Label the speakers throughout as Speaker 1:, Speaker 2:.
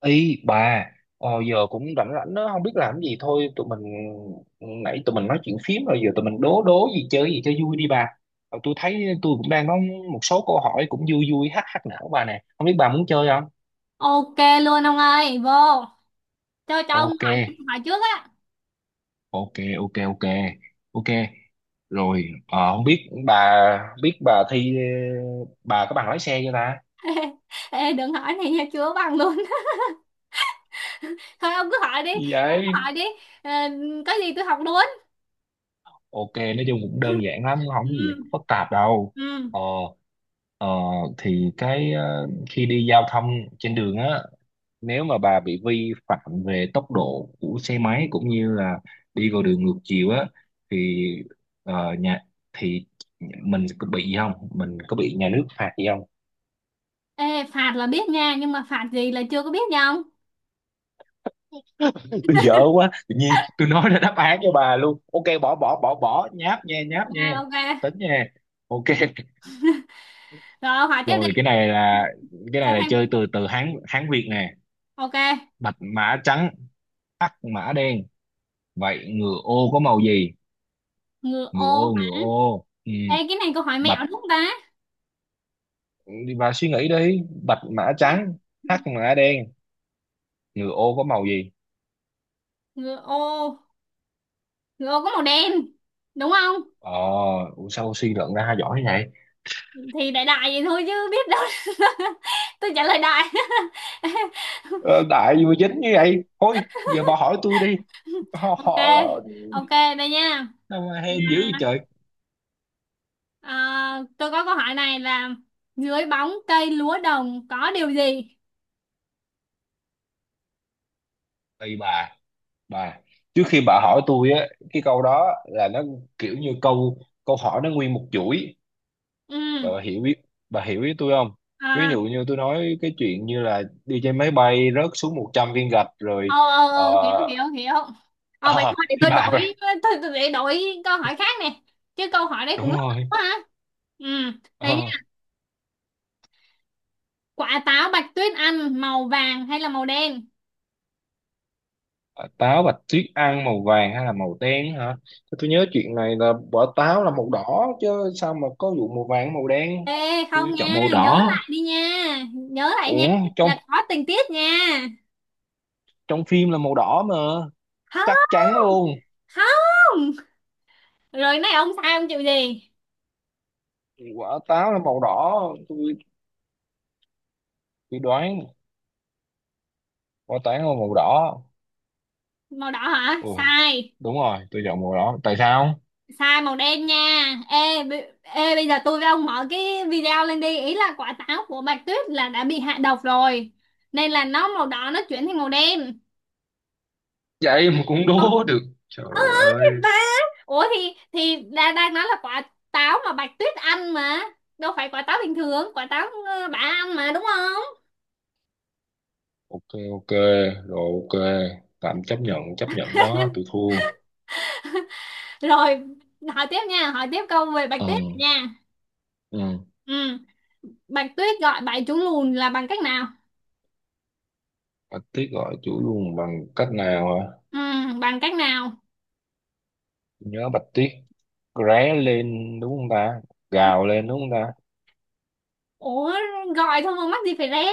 Speaker 1: Ý bà. Giờ cũng rảnh rảnh đó, không biết làm cái gì. Thôi tụi mình nãy tụi mình nói chuyện phím rồi, giờ tụi mình đố đố gì chơi gì cho vui đi bà. Ờ, tôi thấy tôi cũng đang có một số câu hỏi cũng vui vui hắc hắc não bà nè, không biết bà muốn chơi không.
Speaker 2: Ok luôn ông ơi, vô. Cho ông
Speaker 1: Ok,
Speaker 2: hỏi hỏi trước á.
Speaker 1: ok, ok, ok, ok, rồi. Ờ, Không biết bà thi bà có bằng lái xe chưa ta.
Speaker 2: Ê, đừng hỏi này nha, chưa bằng luôn. Thôi ông cứ hỏi đi,
Speaker 1: Gì
Speaker 2: ông cứ
Speaker 1: vậy?
Speaker 2: hỏi đi. Ờ, có gì tôi học luôn.
Speaker 1: Ok, nói chung cũng đơn giản lắm, không có gì
Speaker 2: Ừ.
Speaker 1: phức tạp đâu.
Speaker 2: Ừ.
Speaker 1: ờ Ờ, thì khi đi giao thông trên đường á, nếu mà bà bị vi phạm về tốc độ của xe máy cũng như là đi vào đường ngược chiều á thì ờ, nhà thì mình có bị gì không, mình có bị nhà nước phạt gì không?
Speaker 2: Ê, phạt là biết nha, nhưng mà phạt gì là chưa có biết nha ông.
Speaker 1: Tôi dở quá, tự nhiên tôi nói ra đáp án cho bà luôn. Ok, bỏ bỏ bỏ bỏ nháp nha, nháp
Speaker 2: Ok,
Speaker 1: nha,
Speaker 2: ok.
Speaker 1: tính nha. Ok.
Speaker 2: Rồi ông hỏi tiếp đi.
Speaker 1: Rồi, cái
Speaker 2: Cho
Speaker 1: này là
Speaker 2: thêm.
Speaker 1: chơi từ từ Hán Hán Việt nè.
Speaker 2: Ok.
Speaker 1: Bạch mã trắng, hắc mã đen, vậy ngựa ô có màu gì?
Speaker 2: Ngựa
Speaker 1: Ngựa ô,
Speaker 2: ô
Speaker 1: ngựa
Speaker 2: hả?
Speaker 1: ô. Ừ,
Speaker 2: Ê, cái này câu hỏi
Speaker 1: bạch,
Speaker 2: mẹo đúng không ta?
Speaker 1: đi vào suy nghĩ đi. Bạch mã
Speaker 2: Ai?
Speaker 1: trắng, hắc mã đen. Ngựa ô có màu gì?
Speaker 2: Ngựa ô, ngựa ô có màu đen. Đúng không?
Speaker 1: Ờ, ủa sao suy luận ra giỏi thế này?
Speaker 2: Thì đại đại vậy thôi chứ biết đâu. Tôi trả lời đại.
Speaker 1: Ờ, đại vừa dính như vậy. Thôi, giờ bà hỏi tôi đi. Họ,
Speaker 2: Ok,
Speaker 1: họ,
Speaker 2: ok, đây nha.
Speaker 1: sao mà hên dữ vậy
Speaker 2: À,
Speaker 1: trời.
Speaker 2: à, tôi có câu hỏi này là dưới bóng cây lúa đồng có điều gì.
Speaker 1: Tùy bà, bà. Trước khi bà hỏi tôi á, cái câu đó là nó kiểu như câu câu hỏi nó nguyên một chuỗi.
Speaker 2: Ừ.
Speaker 1: Bà hiểu biết bà hiểu ý tôi không? Ví
Speaker 2: À.
Speaker 1: dụ như tôi nói cái chuyện như là đi trên máy bay rớt xuống 100 viên gạch rồi.
Speaker 2: Ờ, ờ,
Speaker 1: ờ,
Speaker 2: ờ, hiểu, hiểu, hiểu. Ờ vậy
Speaker 1: ờ,
Speaker 2: thôi, để
Speaker 1: thì
Speaker 2: tôi
Speaker 1: bà
Speaker 2: đổi tôi để đổi câu hỏi khác nè. Chứ câu hỏi đấy
Speaker 1: đúng
Speaker 2: cũng lắc lắc
Speaker 1: rồi.
Speaker 2: quá hả. Ừ, đây
Speaker 1: Ờ,
Speaker 2: nha. Quả táo Bạch Tuyết ăn màu vàng hay là màu đen?
Speaker 1: táo bạch tuyết ăn màu vàng hay là màu đen hả? Thế tôi nhớ chuyện này là quả táo là màu đỏ chứ, sao mà có vụ màu vàng màu đen?
Speaker 2: Ê không
Speaker 1: Tôi chọn
Speaker 2: nha,
Speaker 1: màu
Speaker 2: nhớ
Speaker 1: đỏ.
Speaker 2: lại đi nha, nhớ lại nha,
Speaker 1: Ủa, trong
Speaker 2: là có tình tiết nha.
Speaker 1: trong phim là màu đỏ mà, chắc chắn
Speaker 2: Không,
Speaker 1: luôn.
Speaker 2: không. Rồi này ông sai ông chịu gì?
Speaker 1: Quả táo là màu đỏ. Tôi tôi đoán quả táo là màu đỏ.
Speaker 2: Màu đỏ hả?
Speaker 1: Ừ,
Speaker 2: Sai,
Speaker 1: đúng rồi, tôi chọn màu đỏ. Tại sao?
Speaker 2: sai màu đen nha. Ê, ê, bây giờ tôi với ông mở cái video lên đi, ý là quả táo của Bạch Tuyết là đã bị hạ độc rồi. Nên là nó màu đỏ nó chuyển thành màu đen.
Speaker 1: Vậy mà cũng
Speaker 2: Ông
Speaker 1: đố được, trời
Speaker 2: ừ,
Speaker 1: ơi.
Speaker 2: thì ba. Ủa thì đang đang nói là quả táo mà Bạch Tuyết ăn mà. Đâu phải quả táo bình thường, quả táo bà ăn mà đúng không?
Speaker 1: Ok, ok, rồi ok. Tạm chấp nhận đó, tôi thua.
Speaker 2: Rồi, hỏi tiếp nha, hỏi tiếp câu về Bạch
Speaker 1: Ừ,
Speaker 2: Tuyết nha.
Speaker 1: ừ.
Speaker 2: Ừ, Bạch Tuyết gọi bảy chú lùn là bằng cách nào?
Speaker 1: Bạch Tuyết gọi chủ luôn bằng cách nào hả?
Speaker 2: Ừ, bằng cách nào?
Speaker 1: Tôi nhớ Bạch Tuyết ré lên đúng không ta? Gào lên đúng không ta?
Speaker 2: Ủa, gọi thôi mà mắc gì phải ré?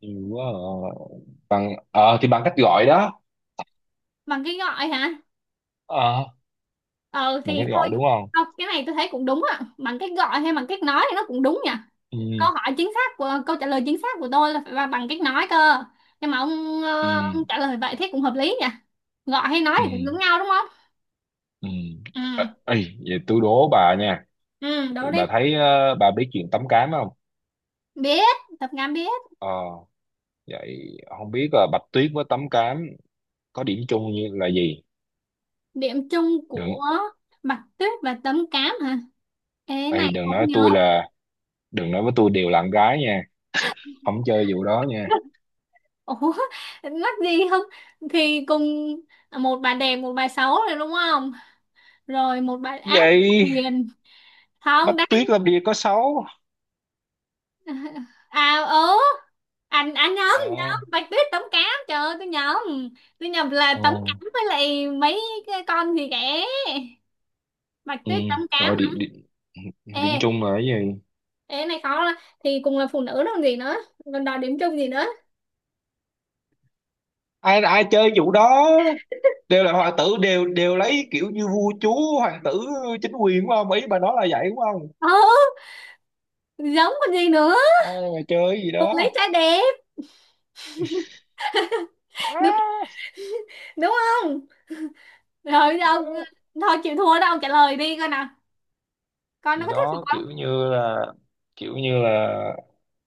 Speaker 1: Nhiều quá à. Bằng, ờ thì bằng cách gọi đó.
Speaker 2: Bằng cái gọi hả?
Speaker 1: Ờ,
Speaker 2: Ừ,
Speaker 1: bằng
Speaker 2: thì
Speaker 1: cách gọi
Speaker 2: thôi,
Speaker 1: đúng không?
Speaker 2: không, cái này tôi thấy cũng đúng ạ. Bằng cách gọi hay bằng cách nói thì nó cũng đúng nhỉ.
Speaker 1: Ừ,
Speaker 2: Câu trả lời chính xác của tôi là phải là bằng cách nói cơ. Nhưng mà ông,
Speaker 1: ừ,
Speaker 2: ông trả lời vậy thế cũng hợp lý nhỉ. Gọi hay nói
Speaker 1: ừ,
Speaker 2: thì cũng giống nhau đúng không?
Speaker 1: ừ.
Speaker 2: Ừ,
Speaker 1: Ờ, ê, vậy tôi đố bà nha.
Speaker 2: ừ, đố
Speaker 1: Bà
Speaker 2: đi.
Speaker 1: thấy bà biết chuyện tắm cám không?
Speaker 2: Biết, tập ngắm biết.
Speaker 1: Ờ, vậy không biết là Bạch Tuyết với tắm cám có điểm chung như là gì?
Speaker 2: Điểm chung
Speaker 1: Đừng,
Speaker 2: của Bạch Tuyết và Tấm Cám hả? Ê cái
Speaker 1: ê,
Speaker 2: này
Speaker 1: đừng
Speaker 2: không
Speaker 1: nói
Speaker 2: nhớ.
Speaker 1: tôi là, đừng nói với tôi đều là con gái nha, không chơi vụ đó nha.
Speaker 2: Ủa, mắc gì không? Thì cùng một bà đẹp, một bà xấu rồi đúng không? Rồi một bà ác, một bà
Speaker 1: Vậy
Speaker 2: hiền. Không,
Speaker 1: Bạch
Speaker 2: đang
Speaker 1: Tuyết làm gì có xấu.
Speaker 2: à ớ anh nhầm nhầm
Speaker 1: Ờ,
Speaker 2: Bạch Tuyết Tấm Cám, trời ơi tôi nhầm. Tôi nhầm là
Speaker 1: ờ,
Speaker 2: Tấm Cám với lại mấy cái con gì kẻ. Bạch
Speaker 1: ừ,
Speaker 2: Tuyết Tấm Cám
Speaker 1: rồi
Speaker 2: hả.
Speaker 1: điểm điểm, điểm
Speaker 2: Ê,
Speaker 1: chung là cái gì?
Speaker 2: ê cái này khó lắm. Thì cùng là phụ nữ đâu còn gì nữa, còn đòi điểm chung gì nữa.
Speaker 1: Ai ai chơi vụ đó đều là hoàng tử, đều đều lấy kiểu như vua chúa, hoàng tử, chính quyền đúng không, ý bà nói là vậy đúng không?
Speaker 2: Ừ, giống còn gì nữa.
Speaker 1: Ai mà chơi cái gì
Speaker 2: Cô lấy
Speaker 1: đó.
Speaker 2: trái đẹp đúng
Speaker 1: Má,
Speaker 2: đúng không? Rồi giờ ông thôi chịu thua đó, ông trả lời đi coi nào, coi nó
Speaker 1: gì
Speaker 2: có thuyết phục
Speaker 1: đó kiểu
Speaker 2: không.
Speaker 1: như là, kiểu như là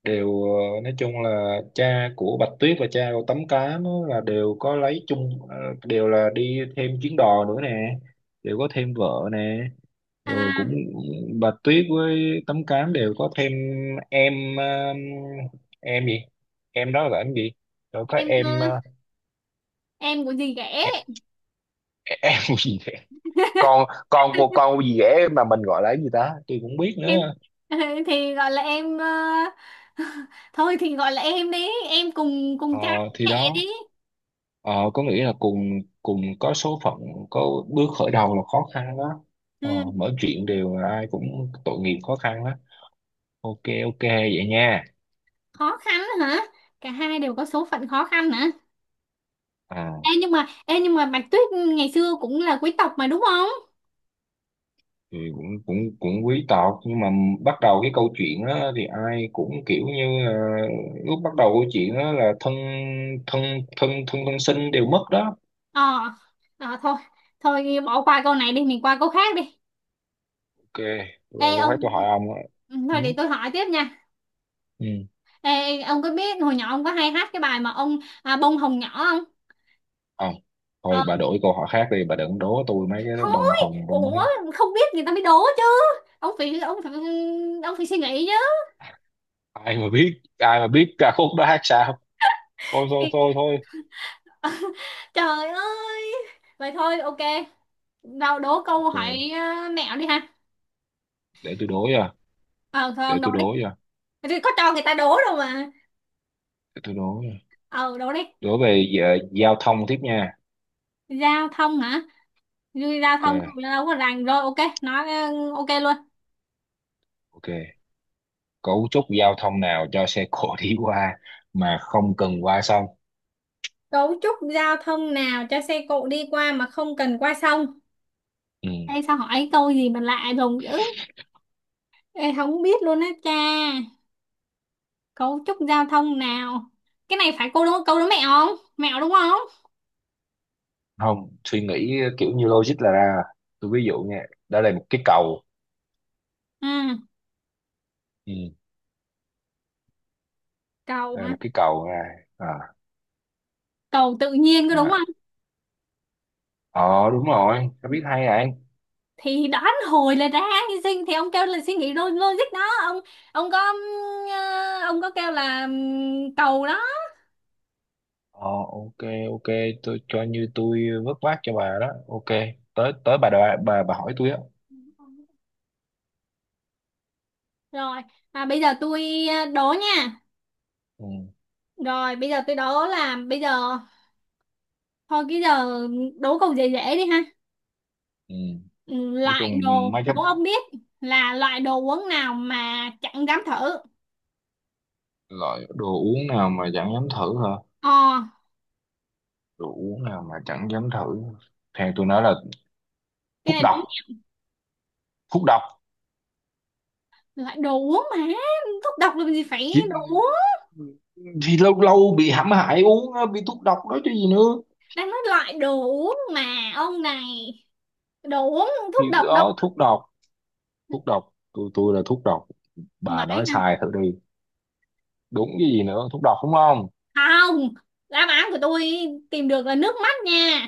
Speaker 1: đều nói chung là cha của Bạch Tuyết và cha của Tấm Cám á, là đều có lấy chung đều là đi thêm chuyến đò nữa nè, đều có thêm vợ nè. Rồi cũng
Speaker 2: À,
Speaker 1: Bạch Tuyết với Tấm Cám đều có thêm em, ờ, em gì em đó là em gì rồi có
Speaker 2: em
Speaker 1: em ờ,
Speaker 2: em của dì ghẻ.
Speaker 1: em, em gì vậy? Con gì dễ mà mình gọi là cái gì ta, tôi cũng không biết
Speaker 2: Em
Speaker 1: nữa.
Speaker 2: thì gọi là em thôi thì gọi là em đi, em cùng
Speaker 1: Ờ,
Speaker 2: cùng cha cùng
Speaker 1: thì
Speaker 2: mẹ đi.
Speaker 1: đó. Ờ, có nghĩa là cùng cùng có số phận, có bước khởi đầu là khó khăn đó. Ờ,
Speaker 2: Ừ.
Speaker 1: mọi chuyện đều là ai cũng tội nghiệp khó khăn đó. Ok, ok, vậy nha.
Speaker 2: Khó khăn hả? Cả hai đều có số phận khó khăn hả? Ê
Speaker 1: À,
Speaker 2: nhưng mà Bạch Tuyết ngày xưa cũng là quý tộc mà đúng không.
Speaker 1: thì cũng cũng cũng quý tộc nhưng mà bắt đầu cái câu chuyện đó thì ai cũng kiểu như là lúc bắt đầu câu chuyện đó là thân thân thân thân thân sinh đều mất đó.
Speaker 2: Ờ, ờ thôi, thôi bỏ qua câu này đi, mình qua câu khác đi.
Speaker 1: Ok, rồi
Speaker 2: Ê
Speaker 1: câu khác
Speaker 2: ông.
Speaker 1: tôi hỏi ông á.
Speaker 2: Ừ,
Speaker 1: Ừ,
Speaker 2: thôi để tôi hỏi tiếp nha.
Speaker 1: ừ.
Speaker 2: Ê, ông có biết hồi nhỏ ông có hay hát cái bài mà ông à, bông hồng nhỏ không?
Speaker 1: Ờ,
Speaker 2: Ờ,
Speaker 1: thôi bà đổi câu hỏi khác đi, bà đừng đố tôi mấy cái đó bông
Speaker 2: thôi,
Speaker 1: hồng bông.
Speaker 2: ủa không biết người ta mới đố chứ. Ông phải ông phải ông phải suy nghĩ chứ.
Speaker 1: Ai mà biết, ai mà biết ca khúc đó hát sao. Thôi thôi thôi thôi.
Speaker 2: Trời ơi. Vậy thôi ok. Đâu đố câu
Speaker 1: Ok,
Speaker 2: hỏi à, mẹo đi ha.
Speaker 1: để tôi đố nha,
Speaker 2: Ờ thôi
Speaker 1: để
Speaker 2: ông đố
Speaker 1: tôi
Speaker 2: đi.
Speaker 1: đố nha
Speaker 2: Thì có cho người ta đố đâu mà.
Speaker 1: để tôi đố nha
Speaker 2: Ờ đố đi.
Speaker 1: đố về giao thông tiếp nha.
Speaker 2: Giao thông hả? Giao
Speaker 1: Ok,
Speaker 2: thông đâu có rành rồi ok, nói ok luôn.
Speaker 1: ok, cấu trúc giao thông nào cho xe cộ đi qua mà không cần qua sông?
Speaker 2: Cấu trúc giao thông nào cho xe cộ đi qua mà không cần qua sông?
Speaker 1: Ừ.
Speaker 2: Ê sao hỏi câu gì mà lạ lùng dữ. Ê không biết luôn á cha. Cấu trúc giao thông nào? Cái này phải câu đố mẹo không? Mẹo đúng không?
Speaker 1: Không, suy nghĩ kiểu như logic là ra. Tôi ví dụ nha, đó là một cái cầu.
Speaker 2: Ừ,
Speaker 1: Ừ.
Speaker 2: cầu
Speaker 1: Đây là
Speaker 2: hả?
Speaker 1: một cái cầu ra. À,
Speaker 2: Cầu tự nhiên có đúng
Speaker 1: mà
Speaker 2: không.
Speaker 1: ờ đúng rồi, tao biết hay à.
Speaker 2: Thì đoán hồi là ra như sinh. Thì ông kêu là suy nghĩ logic đó. Ông có ông có kêu là cầu đó.
Speaker 1: Ờ, ok, ok, tôi cho như tôi vớt vát cho bà đó, ok. Tới tới bà đòi bà hỏi tôi á.
Speaker 2: Rồi à, bây giờ tôi đố nha.
Speaker 1: Ừ,
Speaker 2: Rồi bây giờ tôi đố là bây giờ. Thôi cái giờ đố câu dễ dễ đi ha.
Speaker 1: ừ.
Speaker 2: Ừ,
Speaker 1: Nói chung mấy cái
Speaker 2: Đố ông biết là loại đồ uống nào mà chẳng dám thử.
Speaker 1: loại đồ uống nào mà chẳng dám thử hả?
Speaker 2: Ờ,
Speaker 1: Đồ uống nào mà chẳng dám thử, theo tôi nói là
Speaker 2: cái
Speaker 1: thuốc
Speaker 2: này
Speaker 1: độc,
Speaker 2: đúng nhỉ.
Speaker 1: thuốc độc.
Speaker 2: Loại đồ uống mà thuốc độc làm gì phải
Speaker 1: thì,
Speaker 2: đồ uống.
Speaker 1: thì lâu lâu bị hãm hại uống á, bị thuốc độc đó chứ gì nữa.
Speaker 2: Đang nói loại đồ uống mà ông này, đồ uống thuốc
Speaker 1: Thì
Speaker 2: độc đâu
Speaker 1: đó thuốc độc, thuốc độc. Tôi là thuốc độc, bà
Speaker 2: vậy
Speaker 1: nói
Speaker 2: hả?
Speaker 1: sai thử đi. Đúng cái gì nữa, thuốc độc đúng không?
Speaker 2: Không, đáp án của tôi tìm được là nước mắt nha.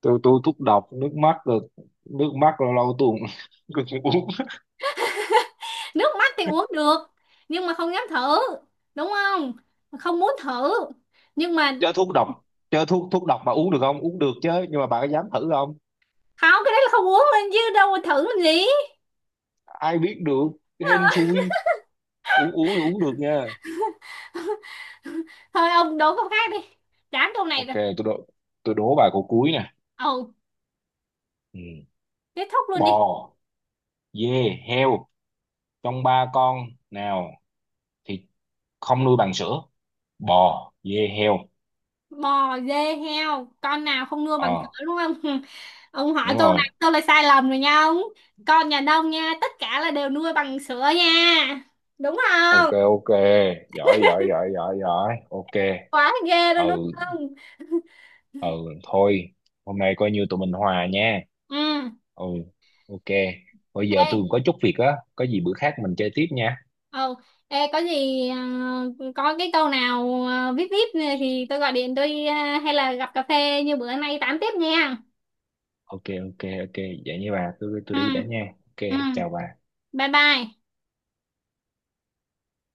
Speaker 1: Tôi thuốc độc nước mắt rồi. Nước mắt lâu lâu tôi cũng cũng uống.
Speaker 2: Nước mắt thì uống được nhưng mà không dám thử, đúng không? Không muốn thử nhưng mà
Speaker 1: Chứ thuốc độc, chứ thuốc thuốc độc mà uống được không uống được chứ, nhưng mà bà có dám thử không?
Speaker 2: không, cái đấy là không uống lên chứ đâu mà thử làm gì.
Speaker 1: Ai biết được, hên xui, uống uống thì uống được nha.
Speaker 2: Thôi ông đố câu khác đi, chán câu này
Speaker 1: Ok,
Speaker 2: rồi.
Speaker 1: tôi đố, tôi đố bà câu cuối nè.
Speaker 2: Ồ,
Speaker 1: Ừ.
Speaker 2: kết thúc luôn đi.
Speaker 1: Bò, dê, heo, trong ba con nào thì không nuôi bằng sữa? Bò, dê, heo.
Speaker 2: Bò dê heo con nào không nua bằng
Speaker 1: Ờ
Speaker 2: cửa đúng không? Ông hỏi
Speaker 1: đúng
Speaker 2: câu
Speaker 1: rồi,
Speaker 2: này tôi là sai lầm rồi nha ông. Con nhà nông nha, tất cả là đều nuôi bằng sữa nha, đúng không?
Speaker 1: ok, ok, giỏi giỏi giỏi giỏi giỏi ok.
Speaker 2: Quá ghê luôn đúng
Speaker 1: Ừ,
Speaker 2: không.
Speaker 1: ừ, thôi hôm nay coi như tụi mình hòa nha.
Speaker 2: Ừ.
Speaker 1: Ừ, ok, bây giờ
Speaker 2: Ê.
Speaker 1: tôi có chút việc á, có gì bữa khác mình chơi tiếp nha.
Speaker 2: Ừ. Ê, có gì có cái câu nào vip vip này thì tôi gọi điện tôi hay là gặp cà phê như bữa nay tám tiếp nha.
Speaker 1: Ok, ok, ok, vậy như bà, tôi
Speaker 2: Ừ.
Speaker 1: đi đã nha, ok
Speaker 2: Ừ.
Speaker 1: chào bà.
Speaker 2: Bye bye.